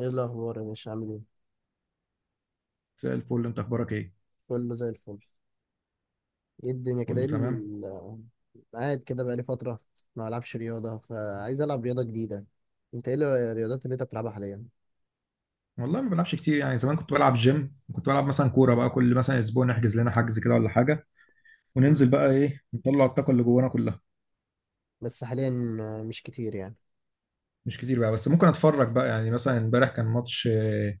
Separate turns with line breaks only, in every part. ايه الاخبار يا باشا؟ عامل ايه؟
مساء الفل، انت اخبارك ايه؟
كله زي الفل. ايه الدنيا كده؟
كله تمام.
قاعد كده بقالي فتره، ما العبش رياضه فعايز العب رياضه جديده. انت ايه الرياضات اللي انت بتلعبها حاليا؟
والله ما بلعبش كتير، يعني زمان كنت بلعب جيم، كنت بلعب مثلا كوره بقى، كل مثلا اسبوع نحجز لنا حجز كده ولا حاجه
مم.
وننزل بقى ايه، نطلع الطاقه اللي جوانا كلها.
بس حاليا مش كتير يعني.
مش كتير بقى، بس ممكن اتفرج بقى، يعني مثلا امبارح كان ماتش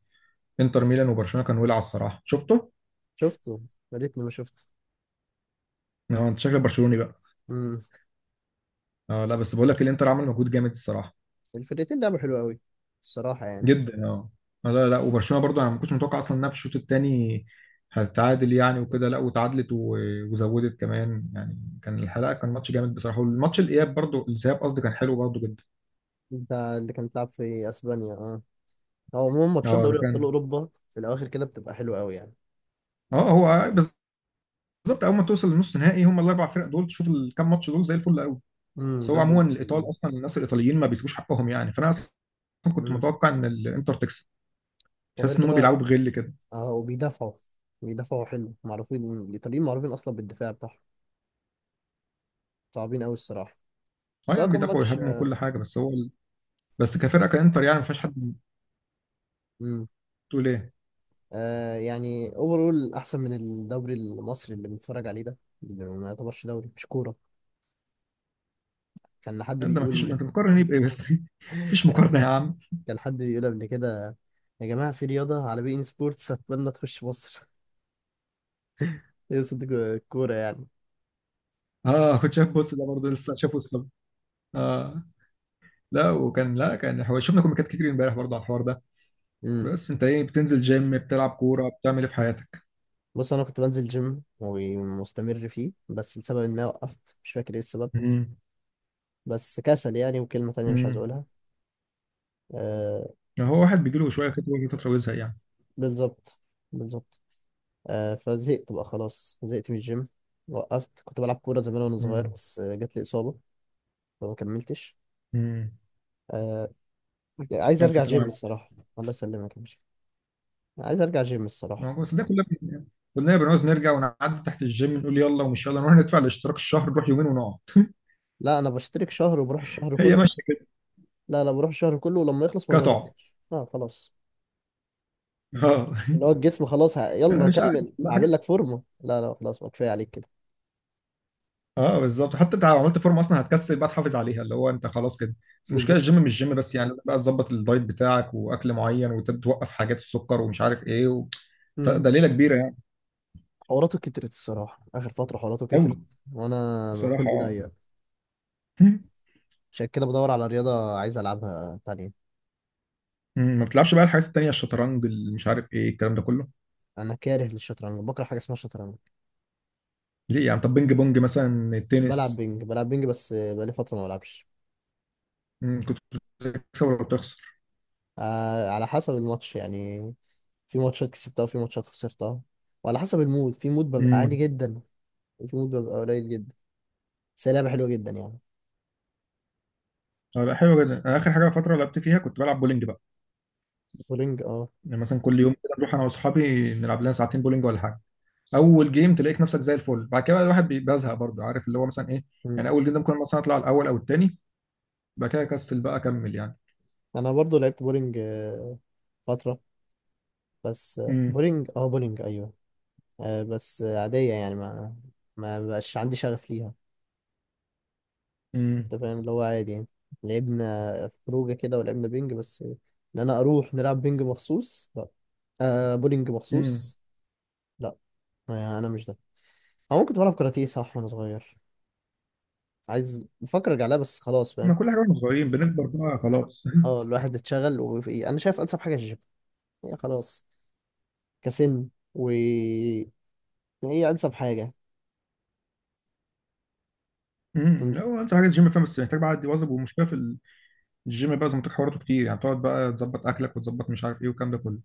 انتر ميلان وبرشلونه، كان ولع الصراحه، شفته.
شفته، يا ريتني ما شفته.
اه انت شكلك برشلوني بقى.
امم
اه لا، بس بقول لك الانتر عمل مجهود جامد الصراحه.
الفرقتين لعبوا حلو قوي الصراحه يعني.
جدا اه. لا، وبرشلونه برضو انا ما كنتش متوقع اصلا انها في الشوط الثاني هتتعادل يعني، وكده لا وتعادلت وزودت كمان، يعني كان الحلقه كان ماتش جامد بصراحه، والماتش الاياب برضو، الذهاب قصدي، كان حلو برضو جدا.
انت اللي كان بتلعب في اسبانيا، اه. هو عموما ماتشات
اه ده
دوري ابطال
كان،
اوروبا في الاواخر كده بتبقى حلوه قوي يعني.
اه هو بالظبط. اول ما توصل لنص نهائي هم الاربع فرق دول، تشوف الكام ماتش دول زي الفل قوي.
امم،
بس هو
دول
عموما
بيبقوا
الايطال
قريبين.
اصلا، الناس الايطاليين ما بيسيبوش حقهم يعني، فانا اصلا كنت
امم.
متوقع ان الانتر تكسب.
وغير
تحس ان هم
كده
بيلعبوا بغل كده.
اه، وبيدافعوا. بيدافعوا حلو، معروفين الإيطاليين، معروفين أصلا بالدفاع بتاعهم، صعبين أوي الصراحة.
اه
بس هو
يعني
كان
بيدافعوا
ماتش.
ويهاجموا وكل حاجه، بس هو، بس كفرقه كانتر يعني ما فيهاش حد
امم.
تقول ايه.
آه يعني اوفرول أحسن من الدوري المصري اللي بنتفرج عليه ده، اللي ما يعتبرش دوري، مش كورة. كان حد
لا ده مفيش، ما
بيقول،
انت بتقارن ايه بايه بس مفيش
كان،
مقارنه يا عم.
كان حد بيقول قبل كده: يا جماعة، في رياضة على بي إن سبورتس، أتمنى تخش مصر. يقصد الكورة يعني.
اه كنت شايف، بص ده برضه لسه شافه الصبح. اه لا وكان، لا كان هو شفنا كوميكات كتير امبارح برضه على الحوار ده.
امم.
بس انت ايه، بتنزل جيم، بتلعب كوره، بتعمل ايه في حياتك؟
بص، أنا كنت بنزل جيم ومستمر فيه، بس لسبب ما وقفت، مش فاكر إيه السبب.
امم.
بس كسل يعني، وكلمة تانية مش عايز
امم.
أقولها. آه،
هو واحد بيجي له شويه كده ويجي فتره ويزهق يعني.
بالظبط، بالظبط. آه، فزهقت بقى، خلاص زهقت من الجيم. وقفت. كنت بلعب كورة زمان وأنا صغير،
امم.
بس آه، جات لي إصابة، فما كملتش.
امم.
آه. عايز
الف
أرجع جيم
سلامه.
الصراحة. الله يسلمك يا باشا. عايز أرجع جيم الصراحة.
ما هو بس ده كلنا كلنا بنعوز نرجع، ونعدي تحت الجيم نقول يلا ومش يلا، نروح ندفع الاشتراك الشهر، نروح يومين ونقعد.
لا، أنا بشترك شهر وبروح الشهر
هي
كله.
ماشيه كده.
لا لا، بروح الشهر كله، ولما يخلص ما
قطع،
بجددش، اه خلاص.
اه.
اللي هو الجسم خلاص،
انا
يلا
مش عارف
هكمل، هعمل
لا،
لك فورمة. لا لا، خلاص بقى، كفاية عليك كده.
اه بالظبط، حتى انت لو عملت فورمه اصلا هتكسل بقى تحافظ عليها، اللي هو انت خلاص كده. بس المشكله
بالظبط.
الجيم مش جيم بس، يعني بقى تظبط الدايت بتاعك، واكل معين، وتوقف حاجات السكر ومش عارف ايه و...
امم.
فده ليله كبيره يعني.
حواراته كترت الصراحة، آخر فترة حواراته كترت.
قوي
وأنا
بصراحه
خلقي
اه.
ضيق.
مم.
عشان كده بدور على رياضة عايز ألعبها تانية.
مم. ما بتلعبش بقى الحاجات التانيه، الشطرنج، اللي مش عارف ايه الكلام ده كله؟
أنا كاره للشطرنج، بكره حاجة اسمها شطرنج.
ليه يعني؟ طب بينج بونج مثلا،
بلعب
التنس؟
بينج، بلعب بينج، بس بقالي فترة ما بلعبش.
مم. كنت بتكسب ولا بتخسر؟
آه، على حسب الماتش يعني. في ماتشات كسبتها وفي ماتشات خسرتها، وعلى حسب المود، في مود ببقى عالي
امم.
جدا وفي مود ببقى قليل جدا، بس هي لعبة حلوة جدا يعني.
اه لا حلو جدا، انا اخر حاجه فتره لعبت فيها كنت بلعب بولينج بقى.
بولينج، اه.
يعني مثلا كل يوم كده نروح انا واصحابي نلعب لنا ساعتين بولينج ولا حاجه. اول جيم تلاقيك نفسك زي الفل، بعد كده بقى الواحد بيزهق برضه، عارف اللي هو مثلا ايه،
مم.
يعني اول جيم ده ممكن مثلا اطلع الاول او التاني، بعد كده اكسل بقى اكمل يعني.
أنا برضو لعبت بولينج آه، فترة. بس آه،
امم.
بولينج اه، بولينج أيوه. آه بس آه، عادية يعني، ما بقاش عندي شغف ليها.
امم.
انت فاهم اللي هو عادي يعني. لعبنا خروجه كده ولعبنا بينج، بس انا اروح نلعب بينج مخصوص، لا. آه بولينج
امم.
مخصوص، لا. آه انا مش ده. انا ممكن بلعب كاراتيه، صح، وانا صغير. عايز، بفكر ارجع لها، بس خلاص، فاهم.
ما كل حاجه واحنا صغيرين بنكبر بقى خلاص.
اه، الواحد اتشغل. وفي، انا شايف انسب حاجه الجيم. هي خلاص. كسن. و، يعني هي انسب حاجه. انت.
لا، هو انت حاجه الجيم فاهم، بس محتاج بقى عادي واظب، ومشكله في الجيم بقى زي ما قلت لك حواراته كتير، يعني تقعد بقى تظبط اكلك وتظبط مش عارف ايه والكلام ده كله.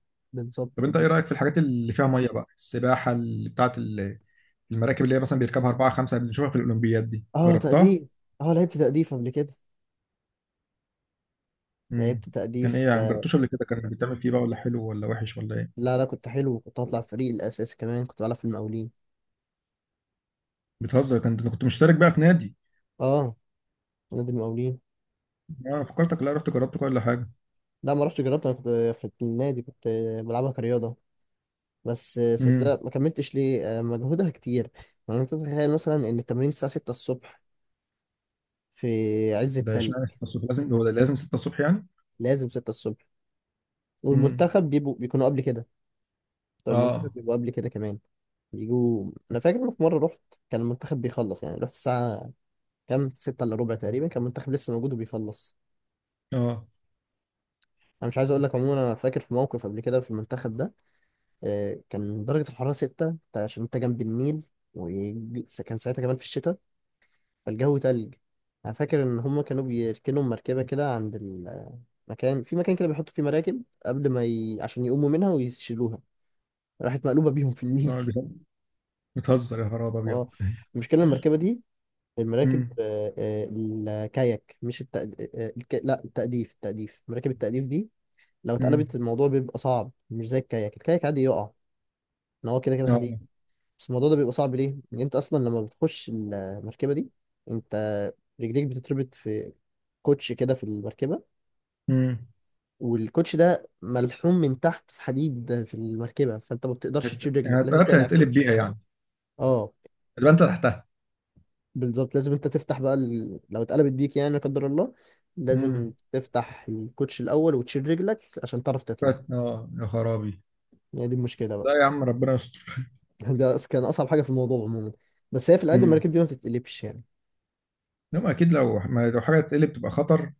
طب
بالظبط
انت
بال-
ايه رايك في الحاجات اللي فيها ميه بقى، السباحه، اللي المراكب اللي هي مثلا بيركبها اربعه خمسه، اللي بنشوفها في الاولمبياد، دي
اه
جربتها؟
تأديف. اه لعبت تأديف قبل كده.
مم.
لعبت
كان ايه
تأديف
يعني؟
آه،
مجربتوش قبل كده؟ كان بتعمل فيه بقى ولا حلو ولا وحش ولا ايه؟
لا لا، كنت حلو، كنت هطلع فريق الأساسي كمان، كنت بلعب في المقاولين.
بتهزر؟ كنت انا كنت مشترك بقى في نادي.
اه، نادي المقاولين.
انا فكرتك لا رحت جربت كل حاجه.
لا ما رحتش جربت، انا كنت في النادي، كنت بلعبها كرياضه، بس سبتها،
امم.
ما كملتش ليه؟ آه، مجهودها كتير يعني. انت تتخيل مثلا ان التمرين الساعه 6 الصبح في عز
ده
التلج.
اشمعنى 6 الصبح؟ لازم هو ده، لازم 6 الصبح يعني؟
لازم 6 الصبح.
امم.
والمنتخب بيبقوا بيكونوا قبل كده، بتوع المنتخب
اه.
بيبقوا قبل كده كمان، بيجوا. انا فاكر ان في مره رحت، كان المنتخب بيخلص يعني، رحت الساعه كام، 6 الا ربع تقريبا، كان المنتخب لسه موجود وبيخلص.
اه.
انا مش عايز اقول لك. عموما انا فاكر في موقف قبل كده في المنتخب ده، آه، كان درجة الحرارة 6، عشان أنت جنب النيل، وكان ساعتها كمان في الشتاء، فالجو تلج. أنا فاكر إن هما كانوا بيركنوا مركبة كده عند المكان، في مكان كده بيحطوا فيه مراكب قبل ما عشان يقوموا منها ويشيلوها، راحت مقلوبة بيهم في النيل.
اه بتهزر يا خراب ابيض.
اه. المشكلة إن المركبة دي، المراكب
امم.
آه، آه، الكاياك، مش الت... آه، آه، الك... لا التأديف، التأديف، مراكب التأديف دي لو اتقلبت
امم.
الموضوع بيبقى صعب، مش زي الكاياك. الكاياك عادي يقع، إن هو كده كده خفيف.
اه.
بس الموضوع ده بيبقى صعب ليه؟ ان انت اصلا لما بتخش المركبه دي، انت رجليك بتتربط في كوتش كده في المركبه،
امم.
والكوتش ده ملحوم من تحت في حديد في المركبه، فانت ما بتقدرش تشيل
يعني
رجلك، لازم
اتقلبت
تقلع
هتقلب
الكوتش.
بيها يعني،
اه،
يبقى انت تحتها.
بالظبط. لازم انت تفتح بقى لو اتقلبت بيك يعني، لا قدر الله،
امم.
لازم تفتح الكوتش الاول وتشيل رجلك عشان تعرف تطلع.
اه يا خرابي.
يعني دي المشكله
لا
بقى.
يا عم ربنا يستر.
كان اصعب حاجه في الموضوع عموما. بس هي في العادي
امم.
المراكب دي ما بتتقلبش يعني.
انما اكيد لو ما، لو حاجه تقلب تبقى خطر،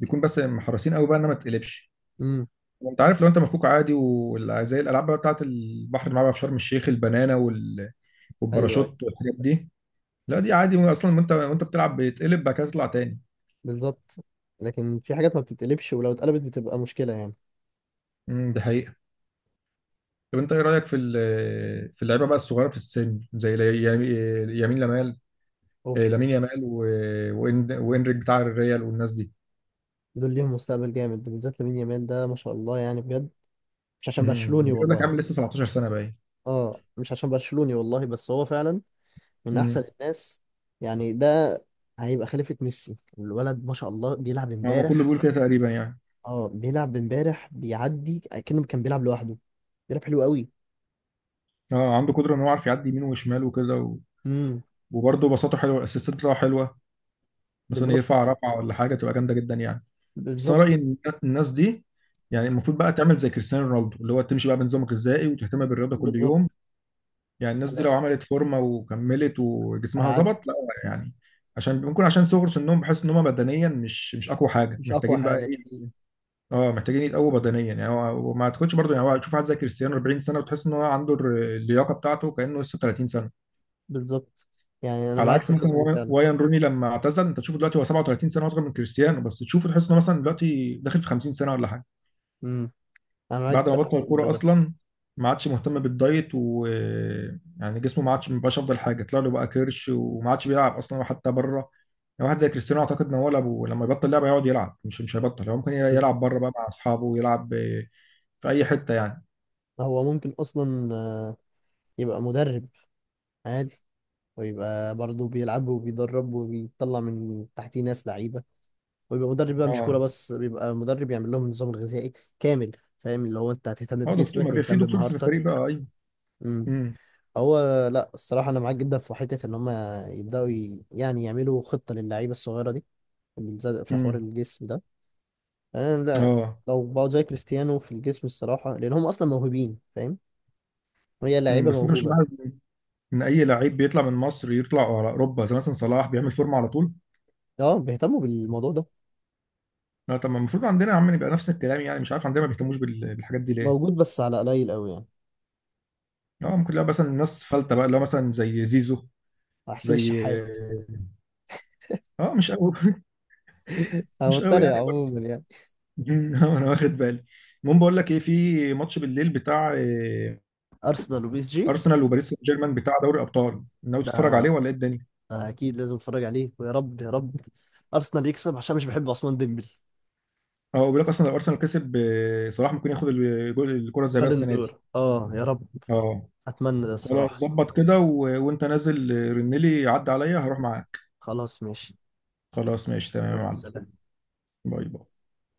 بيكون بس محرسين قوي بقى انها ما تقلبش.
امم.
انت عارف لو انت مفكوك عادي، وزي الالعاب بقى بتاعت البحر اللي معاها في شرم الشيخ، البنانه وال...
ايوه، أيوه.
والباراشوت والحاجات دي، لا دي عادي اصلا، وانت وانت بتلعب بيتقلب بعد كده تطلع تاني.
بالظبط. لكن في حاجات ما بتتقلبش، ولو اتقلبت بتبقى مشكلة يعني.
ده حقيقه. طب انت ايه رايك في ال... في اللعيبه بقى الصغيره في السن، زي يمين، يمين لمال،
اوف.
لامين يامال، و... وإن... وانريك بتاع الريال والناس دي.
دول ليهم مستقبل جامد، ده بالذات لامين يامال، ده ما شاء الله يعني، بجد. مش عشان
امم.
برشلوني
بيقول لك
والله.
عامل لسه 17 سنه باين.
اه مش عشان برشلوني والله، بس هو فعلا من احسن
امم.
الناس يعني. ده هيبقى خليفة ميسي الولد، ما شاء الله، بيلعب
هو ما كله
امبارح.
بيقول كده تقريبا يعني.
اه بيلعب امبارح بيعدي كأنه كان بيلعب لوحده، بيلعب حلو قوي.
اه عنده قدره ان هو عارف يعدي يمين وشمال وكده و...
امم.
وبرضه بساطته حلوه، الاسيستات بتاعه حلوه، مثلا
بالظبط،
يرفع رفعه ولا حاجه تبقى جامده جدا يعني. بس انا
بالظبط،
رايي ان الناس دي، يعني المفروض بقى تعمل زي كريستيانو رونالدو، اللي هو تمشي بقى بنظام غذائي وتهتم بالرياضه كل
بالظبط.
يوم، يعني الناس دي
أنا-
لو عملت فورمه وكملت وجسمها
هيعدي.
ظبط لا، يعني عشان ممكن عشان صغر سنهم بحس ان هم بدنيا مش، مش اقوى حاجه،
مش اقوى
محتاجين بقى
حاجة دي
ايه.
حقيقة.
اه محتاجين يتقووا بدنيا، يعني وما تاخدش برضه يعني، هو تشوف واحد زي كريستيانو 40 سنه وتحس ان هو عنده اللياقه بتاعته كانه لسه 30.
بالظبط. يعني انا
على
معاك في
عكس
الحتة
مثلا
دي فعلا.
وايان روني، لما اعتزل انت تشوفه دلوقتي هو 37 سنه، اصغر من كريستيانو، بس تشوفه تحس انه مثلا دلوقتي داخل في 50 سنه ولا حاجه.
امم. انا معاك
بعد ما
فعلا
بطل
في الموضوع
الكوره
ده.
اصلا، ما عادش مهتم بالدايت و، يعني جسمه ما عادش، ما بقاش افضل حاجه، طلع له بقى كرش، وما عادش بيلعب اصلا حتى بره. يعني واحد زي كريستيانو، اعتقد ان هو لما يبطل لعبه يقعد يلعب، مش، مش هيبطل، هو ممكن
بالظبط.
يلعب بره بقى مع اصحابه ويلعب في اي حته يعني.
هو ممكن اصلا آه، يبقى مدرب عادي، ويبقى برضه بيلعب وبيدرب وبيطلع من تحتيه ناس لعيبه. ويبقى مدرب بقى، مش كوره
اه
بس، بيبقى مدرب يعمل لهم النظام الغذائي كامل. فاهم اللي هو انت هتهتم
اه دكتور،
بجسمك،
ما في
تهتم
دكتور في الفريق
بمهارتك.
بقى، ايوه.
امم.
امم.
هو، لا الصراحه انا معاك جدا في حته ان هم يبداوا يعني يعملوا خطه للعيبه الصغيره دي، بالذات في حوار
امم.
الجسم ده. انا، لا،
اه.
لو بقوا زي كريستيانو في الجسم الصراحه، لان هم اصلا موهوبين، فاهم، هي
امم.
لعيبه
بس انت مش
موهوبه.
معاه ان اي لعيب بيطلع من مصر يطلع على اوروبا، زي مثلا صلاح بيعمل فورمه على طول؟
اه بيهتموا بالموضوع ده.
لا طب ما المفروض عندنا يا عم يبقى نفس الكلام يعني، مش عارف عندنا ما بيهتموش بالحاجات دي ليه.
موجود بس على قليل قوي يعني.
اه ممكن لا، مثلا الناس فلتة بقى، اللي هو مثلا زي زيزو،
حسين
زي،
الشحات.
اه مش قوي.
انا
مش قوي
بتريق
يعني برضه.
عموما يعني.
انا واخد بالي. المهم بقول لك ايه، في ماتش بالليل بتاع
ارسنال وبي اس جي.
ارسنال وباريس سان جيرمان، بتاع دوري ابطال، ناوي تتفرج عليه
ده،
ولا ايه الدنيا؟
ده اكيد لازم اتفرج عليه، ويا رب يا رب ارسنال يكسب عشان مش بحب عثمان ديمبلي.
اه بيقول لك اصلا لو ارسنال كسب صلاح ممكن ياخد الكره الذهبيه السنه دي.
بالندور، اه يا رب.
اه
اتمنى ده
خلاص،
الصراحه.
ظبط كده و... وانت نازل رنلي عدى عليا هروح معاك.
خلاص ماشي.
خلاص ماشي تمام يا
يلا،
معلم.
سلام.
باي باي.